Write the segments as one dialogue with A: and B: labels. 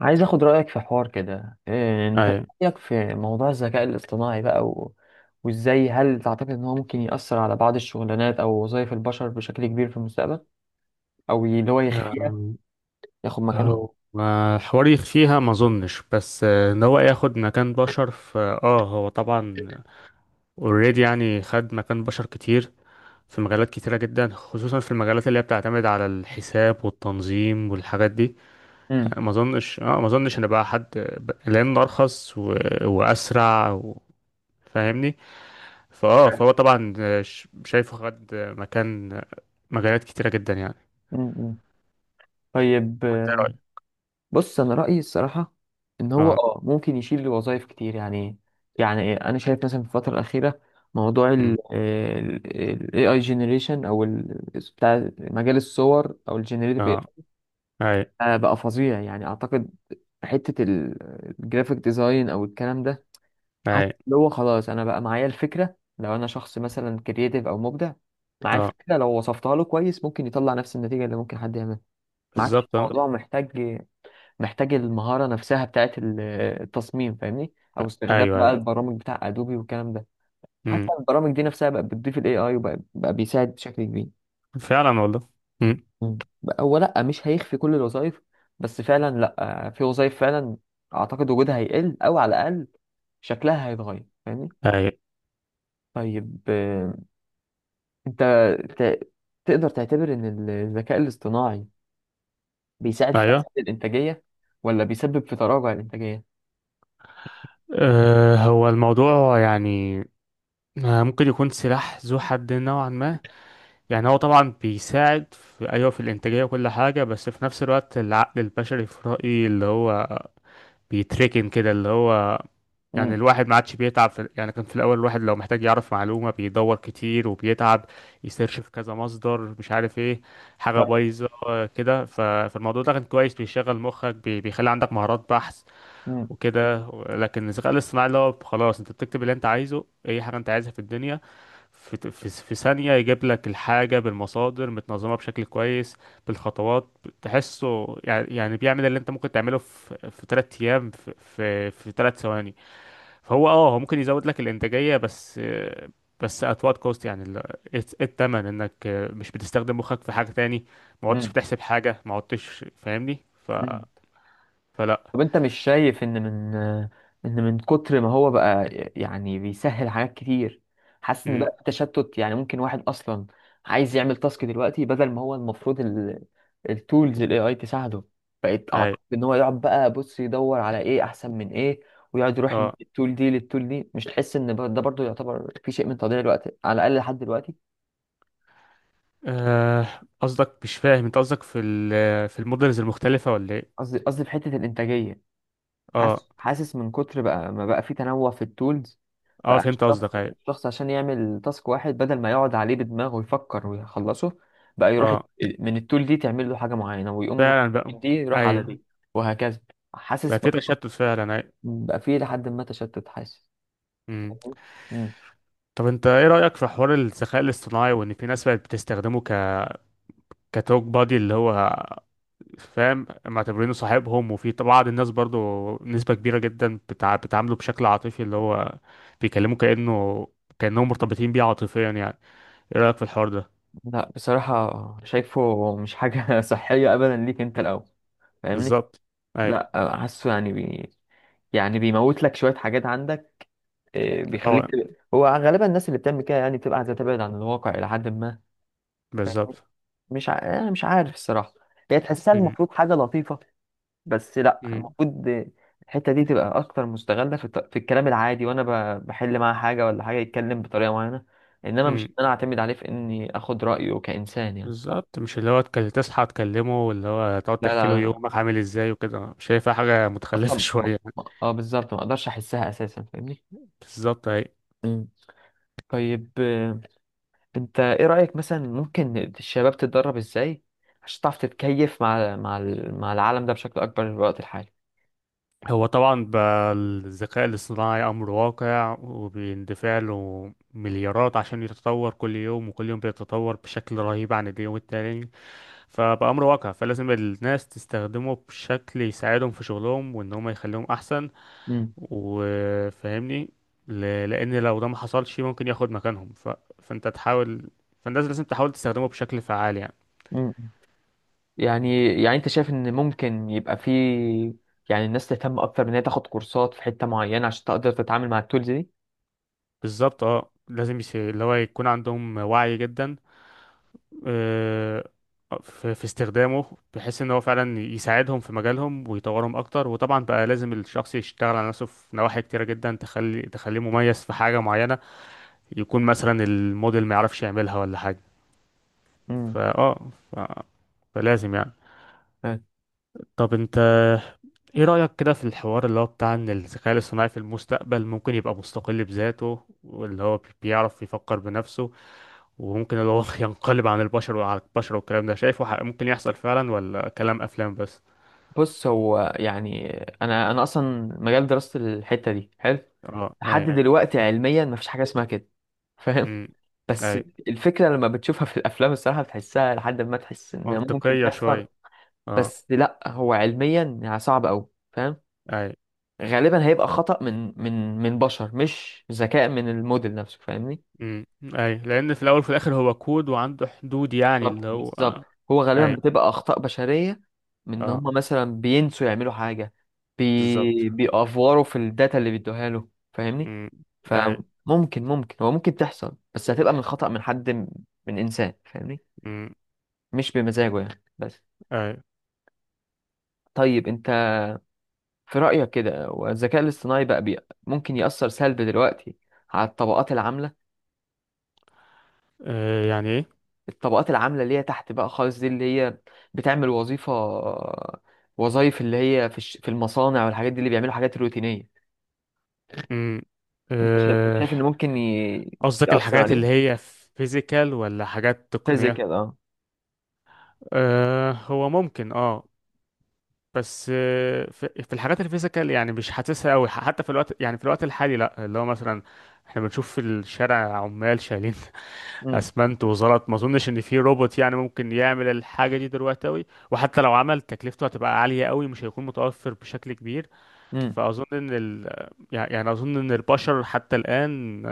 A: عايز اخد رأيك في حوار كده، إيه. مم. انت إيه
B: اي.
A: رأيك في موضوع الذكاء الاصطناعي بقى وازاي، هل تعتقد ان هو ممكن يأثر على بعض الشغلانات او وظائف البشر بشكل كبير في المستقبل، او اللي هو يخفيها
B: أم،
A: ياخد مكانه.
B: هو ما حوار يخفيها، ما اظنش، بس ان هو ياخد مكان بشر في هو طبعا اوريدي، يعني خد مكان بشر كتير في مجالات كتيرة جدا، خصوصا في المجالات اللي هي بتعتمد على الحساب والتنظيم والحاجات دي.
A: امم
B: يعني ما اظنش ان بقى حد لان ارخص و... واسرع و... فاهمني. فاه فهو طبعا، شايفه خد مكان مجالات كتيرة جدا يعني.
A: امم طيب،
B: وانت إيه رأيك؟
A: بص انا رأيي الصراحة ان هو
B: اه.
A: ممكن يشيل وظائف كتير يعني. يعني إيه، انا شايف مثلا في الفترة الأخيرة موضوع
B: أمم،
A: ال AI generation او ال بتاع مجال الصور او ال generative،
B: اه. اي.
A: بقى فظيع يعني اعتقد حتة ال- الجرافيك ديزاين او الكلام ده، حتى
B: اي.
A: اللي هو خلاص انا بقى معايا الفكرة لو انا شخص مثلا كرييتيف او مبدع، معايا
B: اه،
A: الفكرة لو وصفتها له كويس ممكن يطلع نفس النتيجة اللي ممكن حد يعملها. ما عادش
B: بالظبط اه.
A: الموضوع محتاج المهارة نفسها بتاعت التصميم فاهمني، او استخدام
B: ايوه
A: بقى
B: ايوه.
A: البرامج بتاع ادوبي والكلام ده.
B: امم،
A: حتى البرامج دي نفسها بقت بتضيف الاي اي وبقى بقى بيساعد بشكل كبير.
B: فعلا والله. امم.
A: مم. هو لا، مش هيخفي كل الوظائف، بس فعلا لا، في وظائف فعلا اعتقد وجودها هيقل، او على الاقل شكلها هيتغير فاهمني.
B: ايوه
A: طيب، انت ت- تقدر تعتبر ان الذكاء الاصطناعي بيساعد في
B: ايوه.
A: تحسين الانتاجيه ولا بيسبب في تراجع الانتاجيه؟
B: أه هو الموضوع يعني ممكن يكون سلاح ذو حد نوعا ما. يعني هو طبعا بيساعد في، ايوه، في الانتاجيه وكل حاجه، بس في نفس الوقت العقل البشري في رايي اللي هو بيتركن كده اللي هو، يعني
A: امم
B: الواحد ما عادش بيتعب في، يعني كان في الأول الواحد لو محتاج يعرف معلومة بيدور كتير وبيتعب يسيرش في كذا مصدر، مش عارف ايه،
A: ف...
B: حاجة بايظة. كده فالموضوع ده كان كويس، بيشغل مخك، بيخلي عندك مهارات بحث
A: امم
B: وكده لكن الذكاء الاصطناعي اللي هو خلاص انت بتكتب اللي انت عايزه، اي حاجة انت عايزها في الدنيا، في ثانية يجيب لك الحاجة بالمصادر متنظمة بشكل كويس، بالخطوات. تحسه يعني، يعني بيعمل اللي انت ممكن تعمله في 3 ايام في في 3 ثواني. هو هو ممكن يزود لك الانتاجيه، بس بس at what cost، يعني ايه إيه التمن؟ انك مش بتستخدم مخك في حاجه تاني، ما عدتش بتحسب حاجه، ما عدتش، فاهمني. ف
A: امم
B: فلا.
A: طب انت مش شايف ان من كتر ما هو بقى، يعني بيسهل حاجات كتير، حاسس ان
B: امم.
A: بقى في تشتت، يعني ممكن واحد اصلا عايز يعمل تاسك دلوقتي بدل ما هو المفروض التولز الاي اي تساعده، بقيت
B: اي.
A: اعتقد ان هو يقعد بقى بص يدور على ايه احسن من ايه، ويقعد يروح من
B: اه
A: التول دي للتول دي. مش تحس ان ده برضو يعتبر في شيء من تضييع الوقت على الاقل لحد دلوقتي؟
B: آه، قصدك، مش فاهم انت قصدك في ال في المودلز المختلفه ولا ايه؟
A: قصدي في حتة الانتاجية،
B: اه.
A: حاسس من كتر بقى ما بقى في تنوع في التولز،
B: اه،
A: بقى
B: فهمت قصدك.
A: الشخص
B: اي.
A: الشخص عشان يعمل تاسك واحد بدل ما يقعد عليه بدماغه ويفكر ويخلصه، بقى يروح
B: اه،
A: من التول دي تعمل له حاجة معينة، ويقوم
B: فعلا بقى.
A: من دي يروح على
B: ايوه.
A: دي وهكذا.
B: بقى
A: حاسس
B: في
A: برضه
B: تشتت فعلا. اي.
A: بقى في لحد ما تشتت، حاسس.
B: امم.
A: مم.
B: طب انت ايه رايك في حوار الذكاء الاصطناعي، وان في ناس بقت بتستخدمه ك كتوك بادي اللي هو، فاهم، معتبرينه صاحبهم؟ وفي بعض الناس برضو، نسبة كبيرة جدا بتعامله بشكل عاطفي اللي هو بيكلمه كأنه، كأنهم مرتبطين بيه عاطفيا. يعني ايه رأيك في الحوار ده؟
A: لا بصراحة شايفه مش حاجة صحية أبدا ليك أنت الأول. فاهمني؟
B: بالظبط. اي.
A: لا، حاسه يعني يعني بيموت لك شوية حاجات عندك، إيه، بيخليك
B: اه،
A: تبقى. هو غالبا الناس اللي بتعمل كده يعني بتبقى عايزه تبعد عن الواقع الى حد ما.
B: بالظبط.
A: مش أنا مش عارف الصراحه، هي تحسها
B: أمم،
A: المفروض حاجه لطيفه، بس لا،
B: أمم،
A: المفروض الحته دي تبقى اكتر مستغله في الكلام العادي، وانا بحل معاه حاجه ولا حاجه يتكلم بطريقه معينه، انما مش
B: أمم.
A: إن انا اعتمد عليه في اني اخد رايه كانسان يعني.
B: بالظبط، مش اللي هو تصحى تكلمه، واللي هو تقعد
A: لا
B: تحكي
A: لا,
B: له
A: لا.
B: يومك عامل ازاي وكده. شايفها حاجة متخلفة
A: اصلا ما...
B: شوية.
A: ما... اه بالظبط، ما اقدرش احسها اساسا فاهمني.
B: بالظبط. اي.
A: مم. طيب انت ايه رأيك، مثلا ممكن الشباب تتدرب ازاي عشان تعرف تتكيف مع العالم ده بشكل اكبر في الوقت الحالي؟
B: هو طبعا بقى الذكاء الاصطناعي أمر واقع، وبيندفع له مليارات عشان يتطور كل يوم، وكل يوم بيتطور بشكل رهيب عن اليوم التاني. فبقى أمر واقع، فلازم الناس تستخدمه بشكل يساعدهم في شغلهم، وإن هم يخليهم أحسن
A: مم.
B: وفاهمني. لأن لو ده ما حصلش ممكن ياخد مكانهم. ف... فأنت تحاول، فالناس لازم تحاول تستخدمه بشكل فعال يعني.
A: مم. يعني انت شايف ان ممكن يبقى في، يعني الناس تهتم اكتر ان هي تاخد كورسات في حتة معينة عشان تقدر تتعامل مع التولز دي.
B: بالظبط اه، لازم اللي هو يكون عندهم وعي جدا آه، في استخدامه، بحيث ان هو فعلا يساعدهم في مجالهم ويطورهم اكتر. وطبعا بقى لازم الشخص يشتغل على نفسه في نواحي كتيرة جدا، تخلي تخليه مميز في حاجة معينة، يكون مثلا الموديل ما يعرفش يعملها ولا حاجة. ف... فلازم يعني.
A: مم.
B: طب انت ايه رأيك كده في الحوار اللي هو بتاع ان الذكاء الاصطناعي في المستقبل ممكن يبقى مستقل بذاته، واللي هو بيعرف يفكر بنفسه، وممكن اللي هو ينقلب عن البشر وعلى البشر والكلام ده؟ شايفه ممكن يحصل فعلا، ولا كلام افلام بس؟
A: بص هو يعني انا اصلا مجال دراسة الحتة دي حلو،
B: اه.
A: لحد
B: اي.
A: حلو دلوقتي علميا مفيش حاجة اسمها كده فاهم،
B: امم.
A: بس
B: اي،
A: الفكرة لما بتشوفها في الافلام الصراحة بتحسها لحد ما تحس ان ممكن
B: منطقية
A: تحصل،
B: شوية. اه.
A: بس لا هو علميا يعني صعب قوي فاهم.
B: اي.
A: غالبا هيبقى خطأ من من بشر، مش ذكاء من الموديل نفسه فاهمني.
B: امم. اي، لان في الاول وفي الاخر هو كود وعنده حدود يعني،
A: بالظبط،
B: اللي هو
A: بالظبط.
B: آه.
A: هو غالبا
B: اي.
A: بتبقى اخطاء بشريه، من ان هم
B: اه،
A: مثلا بينسوا يعملوا حاجه،
B: بالظبط.
A: بيأفوروا في الداتا اللي بيدوها له فاهمني.
B: امم. اي.
A: فممكن ممكن هو ممكن تحصل، بس هتبقى من خطأ من حد من انسان فاهمني،
B: امم.
A: مش بمزاجه يعني بس.
B: اي.
A: طيب انت في رأيك كده، والذكاء الاصطناعي بقى بي... ممكن يأثر سلبي دلوقتي على
B: آه يعني ايه؟
A: الطبقات العاملة اللي هي تحت بقى خالص، دي اللي هي بتعمل وظيفة، وظائف اللي هي في المصانع والحاجات دي، اللي بيعملوا حاجات روتينية.
B: امم.
A: انت شايف انت
B: آه،
A: شايف ان ممكن
B: قصدك
A: يأثر
B: الحاجات اللي
A: عليهم؟
B: هي فيزيكال ولا حاجات
A: شايف زي
B: تقنية؟
A: كده، اه.
B: آه هو ممكن اه، بس في الحاجات الفيزيكال يعني مش حاسسها قوي، حتى في الوقت، يعني في الوقت الحالي لا. اللي هو مثلا احنا بنشوف في الشارع عمال شايلين
A: امم
B: اسمنت وزلط، ما اظنش ان في روبوت يعني ممكن يعمل الحاجه دي دلوقتي قوي، وحتى لو عمل تكلفته هتبقى عاليه قوي، مش هيكون متوفر بشكل كبير.
A: امم
B: فاظن ان ال... يعني يعني اظن ان البشر حتى الان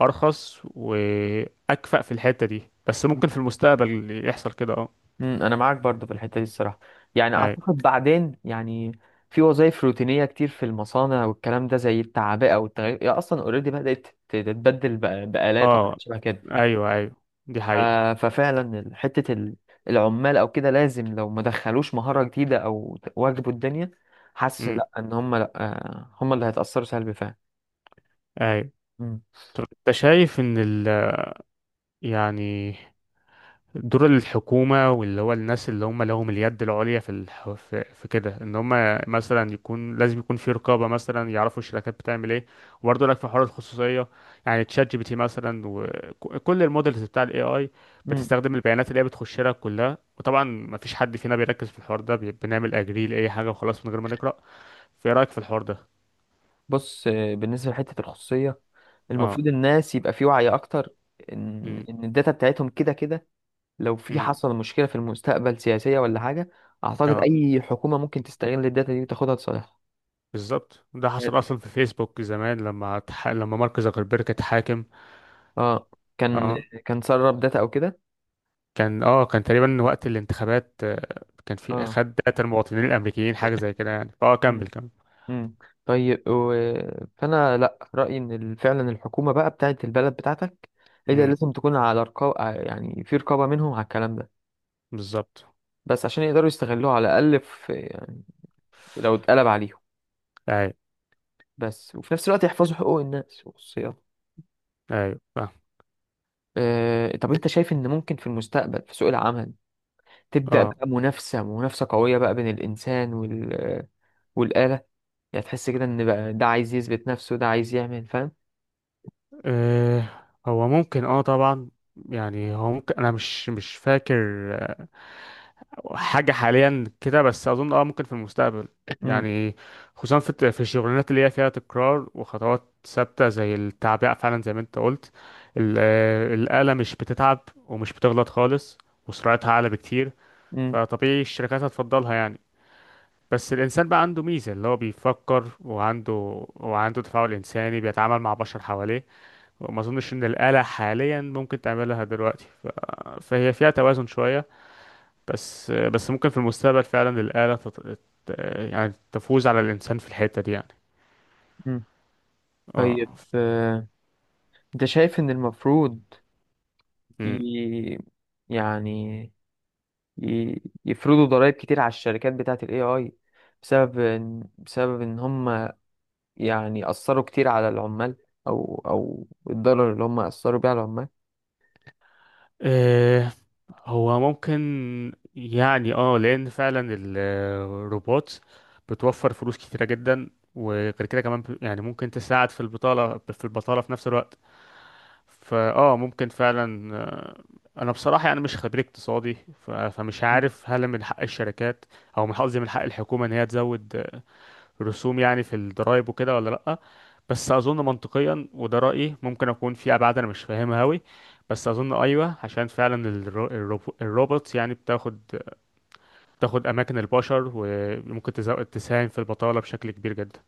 B: ارخص واكفأ في الحته دي، بس ممكن في المستقبل يحصل كده اه.
A: انا معاك برضو في الحتة دي الصراحة، يعني
B: أي-
A: اعتقد بعدين يعني في وظائف روتينية كتير في المصانع والكلام ده زي التعبئة والتغيير، هي اصلا اوريدي بدأت تتبدل بآلات
B: اه.
A: وحاجات شبه كده.
B: ايوه ايوه، دي
A: ف-
B: حقيقه.
A: ففعلا حتة العمال او كده لازم، لو ما دخلوش مهارة جديدة او واجبوا الدنيا، حاسس لا، ان هم لا، هم اللي هيتأثروا سلبي فعلا.
B: ايوه.
A: مم.
B: طب انت شايف ان ال، يعني دور الحكومة، واللي هو الناس اللي هم لهم اليد العليا في في كده، ان هم مثلا يكون لازم يكون في رقابة، مثلا يعرفوا الشركات بتعمل ايه؟ وبرضه لك في حوار الخصوصية يعني، تشات جي بي تي مثلا، وكل المودلز بتاع الاي اي
A: مم.
B: بتستخدم البيانات اللي هي بتخش لها كلها. وطبعا ما فيش حد فينا بيركز في الحوار ده، بنعمل اجري لاي حاجة وخلاص من غير ما نقرأ. في رايك في الحوار ده؟
A: بص، بالنسبة لحتة الخصوصية،
B: اه.
A: المفروض الناس يبقى في وعي اكتر ان
B: امم.
A: ان الداتا بتاعتهم كده كده، لو في
B: امم.
A: حصل مشكلة في المستقبل سياسية ولا حاجة، اعتقد
B: اه،
A: اي حكومة ممكن تستغل الداتا دي وتاخدها لصالحها.
B: بالظبط، ده حصل اصلا في فيسبوك زمان، لما لما مارك زوكربيرج اتحاكم.
A: اه، كان
B: اه.
A: كان سرب داتا او كده.
B: كان اه، كان تقريبا وقت الانتخابات، كان في
A: اه.
B: خد داتا المواطنين الامريكيين، حاجه زي كده يعني. كمل كمل.
A: مم. طيب فانا لا، رايي ان فعلا الحكومه بقى بتاعه البلد بتاعتك، هي اللي
B: امم.
A: لازم تكون على رقابه، يعني في رقابه منهم على الكلام ده،
B: بالظبط.
A: بس عشان يقدروا يستغلوه على الاقل في، يعني لو اتقلب عليهم،
B: ايوه
A: بس وفي نفس الوقت يحفظوا حقوق الناس وخصوصياتهم.
B: ايوه، فاهم.
A: طب انت شايف ان ممكن في المستقبل في سوق العمل تبدا
B: اه.
A: بقى منافسه قويه بقى بين الانسان والاله، يعني تحس كده ان بقى ده عايز يثبت نفسه ده عايز يعمل فاهم.
B: آه، هو ممكن اه طبعا، يعني هو ممكن، انا مش مش فاكر حاجة حاليا كده، بس أظن اه ممكن في المستقبل
A: مم.
B: يعني، خصوصا في في الشغلانات اللي هي فيها تكرار وخطوات ثابتة زي التعبئة، فعلا زي ما انت قلت، الآلة مش بتتعب، ومش بتغلط خالص، وسرعتها أعلى بكتير،
A: مم.
B: فطبيعي الشركات هتفضلها يعني. بس الإنسان بقى عنده ميزة، اللي هو بيفكر، وعنده تفاعل إنساني، بيتعامل مع بشر حواليه، وما أظنش إن الآلة حاليا ممكن تعملها دلوقتي. ف... فهي فيها توازن شوية، بس بس ممكن في المستقبل فعلا الآلة ت- يعني تفوز على الإنسان في الحتة دي يعني.
A: مم. طيب،
B: اه.
A: انت شايف ان المفروض
B: مم.
A: ي... يعني يفرضوا ضرائب كتير على الشركات بتاعت الاي اي، بسبب ان هم يعني اثروا كتير على العمال، او الضرر اللي هم اثروا بيه على العمال.
B: آه، هو ممكن يعني اه، لأن فعلا الروبوت بتوفر فلوس كتيرة جدا، وغير كده كمان يعني ممكن تساعد في البطالة في البطالة في نفس الوقت. ممكن فعلا أنا بصراحة يعني مش خبير اقتصادي، فمش عارف هل من حق الشركات، أو من قصدي من حق الحكومة إن هي تزود رسوم يعني في الضرايب وكده ولا لأ. بس أظن منطقيا، وده رأيي، ممكن أكون في أبعاد أنا مش فاهمها أوي، بس أظن أيوه، عشان فعلا الروبوت يعني بتاخد بتاخد أماكن البشر، وممكن تساهم في البطالة بشكل كبير جدا.